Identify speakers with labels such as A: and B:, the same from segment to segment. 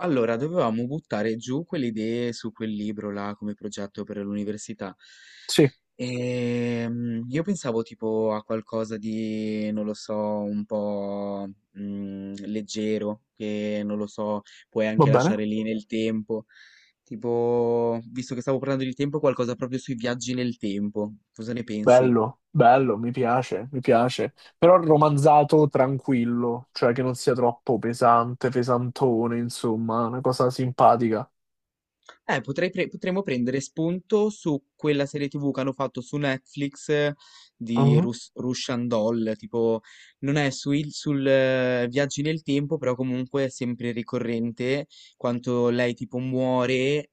A: Allora, dovevamo buttare giù quelle idee su quel libro là come progetto per l'università.
B: Sì,
A: E io pensavo tipo a qualcosa di, non lo so, un po' leggero, che non lo so, puoi
B: va
A: anche
B: bene.
A: lasciare lì nel tempo. Tipo, visto che stavo parlando di tempo, qualcosa proprio sui viaggi nel tempo. Cosa ne pensi?
B: Bello, bello, mi piace, mi piace. Però romanzato tranquillo, cioè che non sia troppo pesante, pesantone, insomma, una cosa simpatica.
A: Potremmo prendere spunto su quella serie TV che hanno fatto su Netflix, di
B: Mhm,
A: Russian Doll, tipo non è sul viaggi nel tempo, però comunque è sempre ricorrente quanto lei tipo muore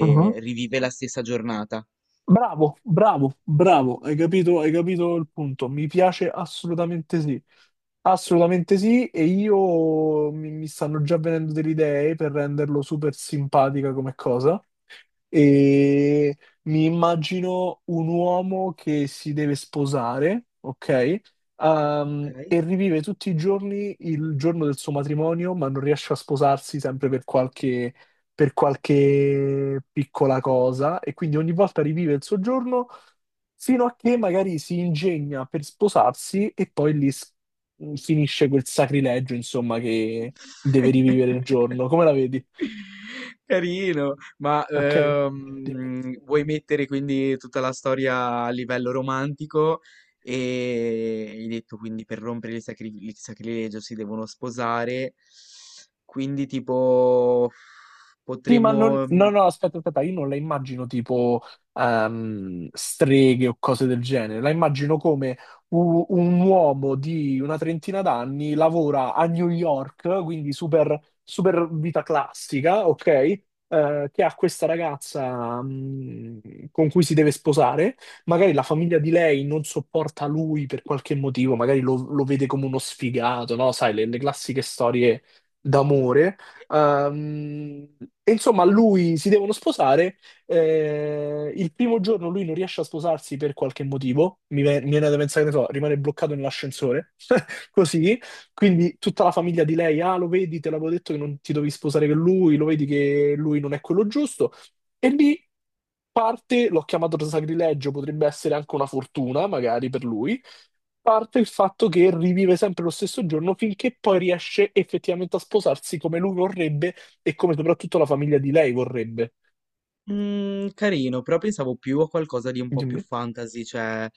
B: mhm.
A: rivive la stessa giornata.
B: Bravo, bravo, bravo, hai capito il punto. Mi piace assolutamente sì. Assolutamente sì, e io mi stanno già venendo delle idee per renderlo super simpatica come cosa. E mi immagino un uomo che si deve sposare, ok? Ehm,
A: Ok.
B: e rivive tutti i giorni il giorno del suo matrimonio, ma non riesce a sposarsi sempre per per qualche piccola cosa, e quindi ogni volta rivive il suo giorno fino a che magari si ingegna per sposarsi e poi finisce quel sacrilegio, insomma, che deve rivivere il giorno. Come la vedi?
A: Carino, ma
B: Ok? Dimmi.
A: vuoi mettere quindi tutta la storia a livello romantico e hai detto quindi per rompere il, il sacrilegio si devono sposare, quindi tipo
B: Sì, ma non...
A: potremmo mm,
B: No, no, aspetta, aspetta, io non la immagino tipo streghe o cose del genere, la immagino come un uomo di una trentina d'anni lavora a New York, quindi super, super vita classica, ok? Che ha questa ragazza con cui si deve sposare, magari la famiglia di lei non sopporta lui per qualche motivo, magari lo vede come uno sfigato, no? Sai, le classiche storie d'amore. Ehm, e insomma, lui si devono sposare. Eh, il primo giorno lui non riesce a sposarsi per qualche motivo. Mi viene da pensare, che ne so, rimane bloccato nell'ascensore. Così. Quindi tutta la famiglia di lei, ah, lo vedi, te l'avevo detto che non ti dovevi sposare con lui, lo vedi che lui non è quello giusto. E lì parte, l'ho chiamato sacrilegio, potrebbe essere anche una fortuna, magari per lui parte il fatto che rivive sempre lo stesso giorno finché poi riesce effettivamente a sposarsi come lui vorrebbe e come soprattutto la famiglia di lei vorrebbe.
A: Mhmm, carino, però pensavo più a qualcosa di un po' più
B: Dimmi.
A: fantasy, cioè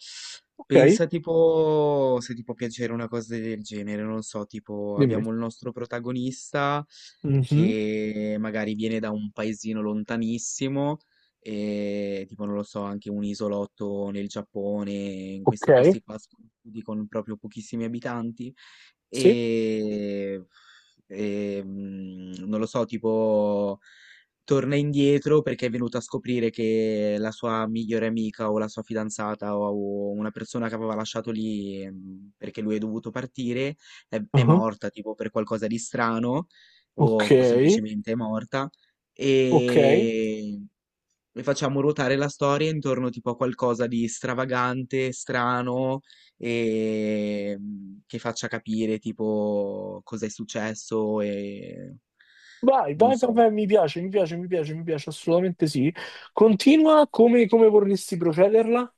B: Ok,
A: pensa tipo se ti può piacere una cosa del genere, non so, tipo
B: dimmi.
A: abbiamo il nostro protagonista
B: Mhm.
A: che magari viene da un paesino lontanissimo e tipo non lo so, anche un isolotto nel Giappone, in
B: Ok,
A: questi posti qua sconosciuti con proprio pochissimi abitanti
B: sì.
A: e, non lo so, tipo torna indietro perché è venuto a scoprire che la sua migliore amica o la sua fidanzata o una persona che aveva lasciato lì perché lui è dovuto partire è
B: Mhm.
A: morta tipo per qualcosa di strano
B: Ok,
A: o semplicemente è morta
B: ok.
A: e, e facciamo ruotare la storia intorno tipo a qualcosa di stravagante, strano e che faccia capire tipo cosa è successo e
B: Vai,
A: non
B: vai, vai,
A: so.
B: vai, mi piace, mi piace, mi piace, mi piace, assolutamente sì. Continua come, come vorresti procederla?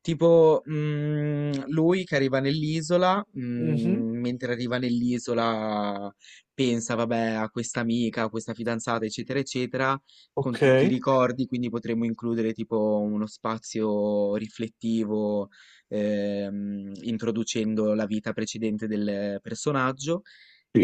A: Tipo, lui che arriva nell'isola,
B: Mhm.
A: mentre arriva nell'isola pensa, vabbè, a questa amica, a questa fidanzata, eccetera, eccetera, con
B: Ok,
A: tutti i ricordi, quindi potremmo includere tipo uno spazio riflettivo, introducendo la vita precedente del personaggio.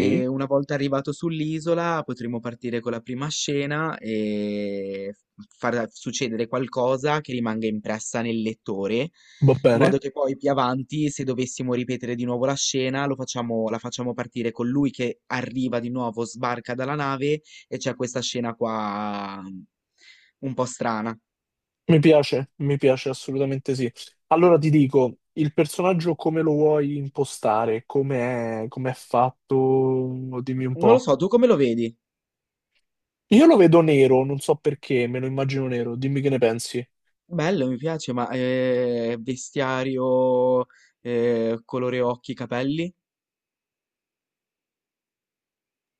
A: E una volta arrivato sull'isola potremo partire con la prima scena e far succedere qualcosa che rimanga impressa nel lettore, in
B: va
A: modo
B: bene.
A: che poi più avanti, se dovessimo ripetere di nuovo la scena, la facciamo partire con lui che arriva di nuovo, sbarca dalla nave e c'è questa scena qua un po' strana.
B: Mi piace assolutamente sì. Allora ti dico, il personaggio come lo vuoi impostare? Come è fatto? Dimmi un
A: Non lo
B: po'.
A: so, tu come lo vedi?
B: Io lo vedo nero, non so perché, me lo immagino nero. Dimmi che ne pensi.
A: Bello, mi piace, ma vestiario, colore occhi, capelli?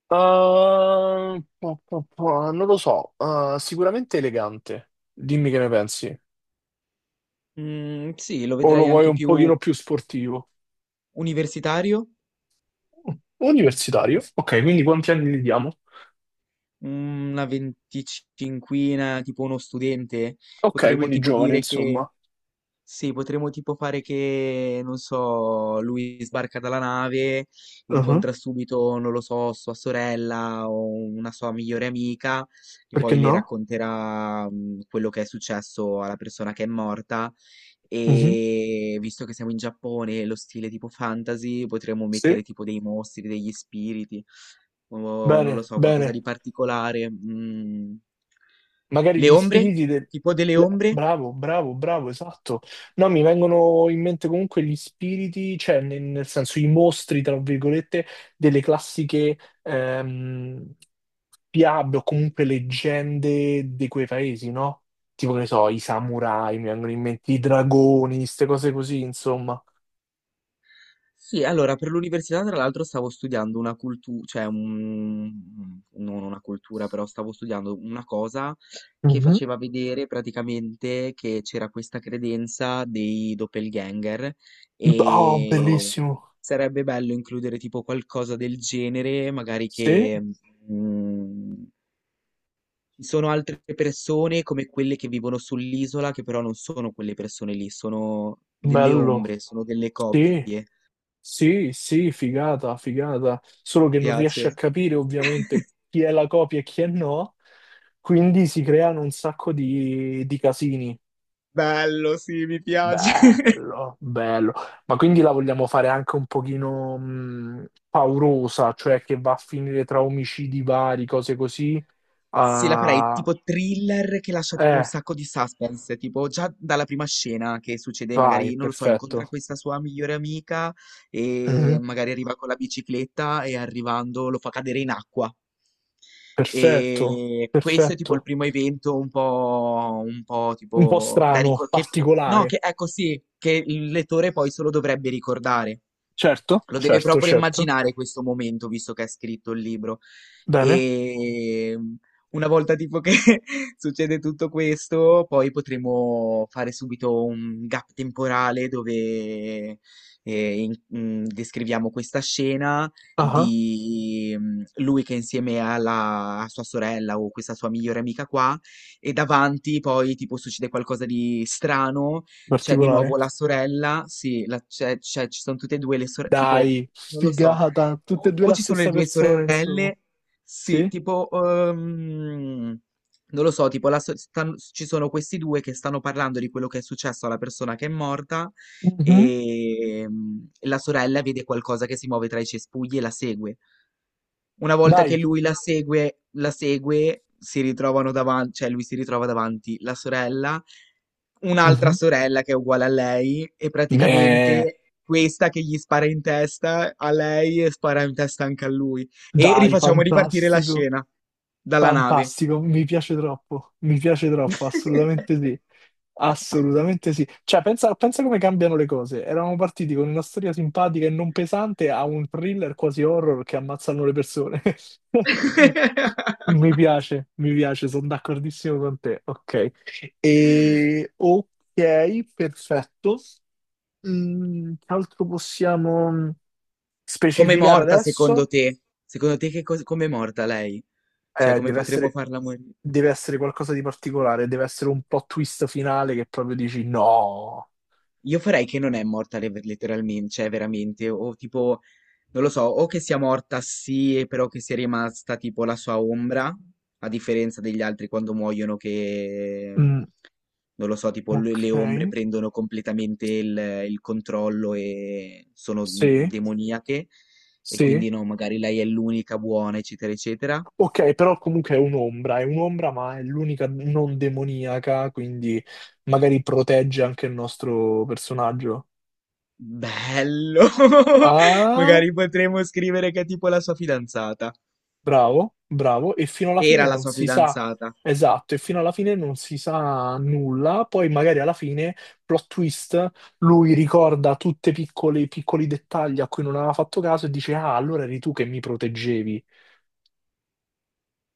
B: Ah, non lo so, ah, sicuramente elegante, dimmi che ne pensi.
A: Mm, sì, lo
B: O lo
A: vedrei
B: vuoi
A: anche
B: un
A: più
B: pochino più sportivo?
A: universitario,
B: Universitario. Ok, quindi quanti anni gli diamo?
A: una venticinquina, tipo uno studente.
B: Ok,
A: Potremmo
B: quindi
A: tipo
B: giovane,
A: dire che
B: insomma.
A: sì, potremmo tipo fare che, non so, lui sbarca dalla nave,
B: Ah,
A: incontra subito, non lo so, sua sorella o una sua migliore amica e
B: perché
A: poi le
B: no?
A: racconterà quello che è successo alla persona che è morta
B: Mhm.
A: e visto che siamo in Giappone, lo stile tipo fantasy, potremmo
B: Sì.
A: mettere tipo dei mostri, degli spiriti o non lo
B: Bene,
A: so, qualcosa
B: bene.
A: di particolare. Mm.
B: Magari
A: Le
B: gli
A: ombre?
B: spiriti del...
A: Tipo delle ombre?
B: Bravo, bravo, bravo, esatto. No, mi vengono in mente comunque gli spiriti, cioè nel senso i mostri, tra virgolette, delle classiche ehm, fiabe o comunque leggende di quei paesi, no? Tipo, che ne so, i samurai, mi vengono in mente i dragoni, queste cose così, insomma.
A: Sì, allora per l'università tra l'altro stavo studiando una cultura, cioè non una cultura, però stavo studiando una cosa che
B: Mhm.
A: faceva vedere praticamente che c'era questa credenza dei doppelganger
B: Oh,
A: e
B: bellissimo.
A: sarebbe bello includere tipo qualcosa del genere, magari che
B: Sì,
A: mm, ci sono altre persone come quelle che vivono sull'isola, che però non sono quelle persone lì, sono delle
B: bello.
A: ombre, sono delle
B: Sì.
A: copie.
B: Sì, sì, figata, figata, solo che non riesce a
A: Piace.
B: capire ovviamente chi è la copia e chi è no, quindi si creano un sacco di casini.
A: Bello, sì, mi piace.
B: Bello, bello. Ma quindi la vogliamo fare anche un pochino paurosa, cioè che va a finire tra omicidi vari, cose così.
A: Sì, la farei
B: Ah,
A: tipo thriller che lascia tipo un
B: eh,
A: sacco di suspense, tipo già dalla prima scena che succede,
B: vai,
A: magari, non lo so, incontra
B: perfetto.
A: questa sua migliore amica e
B: Mhm,
A: magari arriva con la bicicletta e arrivando lo fa cadere in acqua.
B: perfetto,
A: E questo è tipo il
B: perfetto.
A: primo evento un po'
B: Un po'
A: tipo da
B: strano,
A: ricordare. No,
B: particolare.
A: che ecco sì, che il lettore poi solo dovrebbe ricordare.
B: Certo,
A: Lo deve
B: certo,
A: proprio
B: certo.
A: immaginare questo momento, visto che ha scritto il libro.
B: Bene.
A: E una volta tipo che succede tutto questo, poi potremo fare subito un gap temporale dove descriviamo questa scena
B: Ah,
A: di lui che è insieme alla a sua sorella o questa sua migliore amica qua e davanti poi tipo succede qualcosa di strano. C'è di
B: particolare.
A: nuovo la sorella, sì, ci sono tutte e due le sorelle, tipo,
B: Dai,
A: non lo so,
B: figata, tutte e due
A: o
B: la
A: ci sono le
B: stessa
A: due
B: persona, insomma.
A: sorelle, sì,
B: Sì?
A: tipo, non lo so, tipo, ci sono questi due che stanno parlando di quello che è successo alla persona che è morta.
B: Mhm.
A: La sorella vede qualcosa che si muove tra i cespugli e la segue. Una volta
B: Dai.
A: che lui la segue, si ritrovano davanti, cioè lui si ritrova davanti la sorella, un'altra
B: Mhm.
A: sorella che è uguale a lei e
B: Beh,
A: praticamente questa che gli spara in testa a lei e spara in testa anche a lui. E
B: dai,
A: rifacciamo ripartire la
B: fantastico.
A: scena dalla nave.
B: Fantastico, mi piace troppo, assolutamente sì, assolutamente sì. Cioè, pensa, pensa come cambiano le cose. Eravamo partiti con una storia simpatica e non pesante a un thriller quasi horror che ammazzano le persone. Mi piace, sono d'accordissimo con te. Ok, e... ok, perfetto. Mm, che altro possiamo
A: Com'è
B: specificare
A: morta secondo
B: adesso?
A: te? Secondo te che cosa, com'è morta lei? Cioè,
B: Eh,
A: come
B: deve
A: potremmo
B: essere,
A: farla morire?
B: deve essere qualcosa di particolare, deve essere un plot twist finale che proprio dici no.
A: Io farei che non è morta letteralmente, cioè veramente, o tipo, non lo so, o che sia morta sì, e però che sia rimasta tipo la sua ombra, a differenza degli altri quando muoiono che,
B: Mm,
A: non lo so, tipo
B: ok,
A: le ombre prendono completamente il controllo e sono
B: sì,
A: demoniache, e
B: sì.
A: quindi no, magari lei è l'unica buona, eccetera, eccetera.
B: Ok, però comunque è un'ombra, ma è l'unica non demoniaca, quindi magari protegge anche il nostro personaggio.
A: Bello!
B: Ah.
A: Magari potremmo scrivere che è tipo la sua fidanzata.
B: Bravo, bravo, e fino alla fine
A: Era la
B: non
A: sua
B: si sa,
A: fidanzata.
B: esatto, e fino alla fine non si sa nulla, poi magari alla fine, plot twist, lui ricorda tutti i piccoli, piccoli dettagli a cui non aveva fatto caso e dice, ah, allora eri tu che mi proteggevi,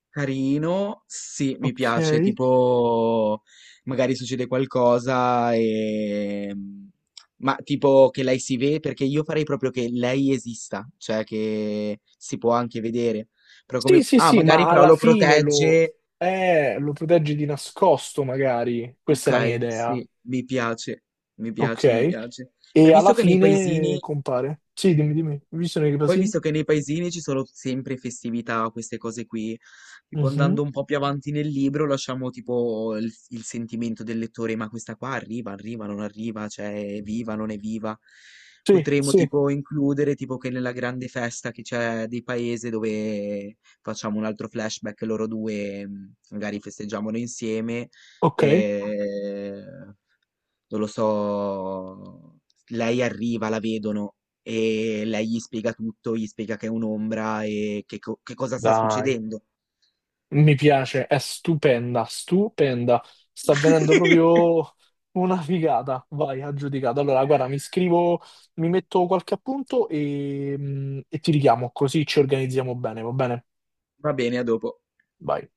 A: Carino, sì, mi piace.
B: ok?
A: Tipo, magari succede qualcosa e... Ma tipo che lei si vede, perché io farei proprio che lei esista, cioè che si può anche vedere. Però
B: Sì,
A: come...
B: sì,
A: Ah,
B: sì,
A: magari
B: ma
A: però
B: alla
A: lo
B: fine lo,
A: protegge.
B: lo proteggi di nascosto, magari, questa è la mia
A: Ok,
B: idea,
A: sì, mi piace, mi
B: ok?
A: piace, mi piace. Hai
B: E alla
A: visto che nei
B: fine
A: paesini...
B: compare, sì, dimmi, dimmi, visione dei
A: Poi
B: pasini?
A: visto che nei paesini ci sono sempre festività, queste cose qui, tipo
B: Mhm.
A: andando un po' più avanti nel libro, lasciamo tipo il sentimento del lettore, ma questa qua arriva, arriva, non arriva, cioè è viva, non è viva.
B: Sì,
A: Potremmo
B: sì,
A: tipo includere tipo che nella grande festa che c'è di paese dove facciamo un altro flashback, loro due magari festeggiamolo insieme.
B: ok.
A: E non lo so, lei arriva, la vedono e lei gli spiega tutto, gli spiega che è un'ombra e che, che cosa sta
B: Dai,
A: succedendo.
B: mi piace, è stupenda, stupenda. Sta venendo proprio una figata. Vai, aggiudicato. Allora, guarda, mi scrivo, mi metto qualche appunto e, e ti richiamo, così ci organizziamo bene, va bene?
A: Va bene, a dopo.
B: Vai.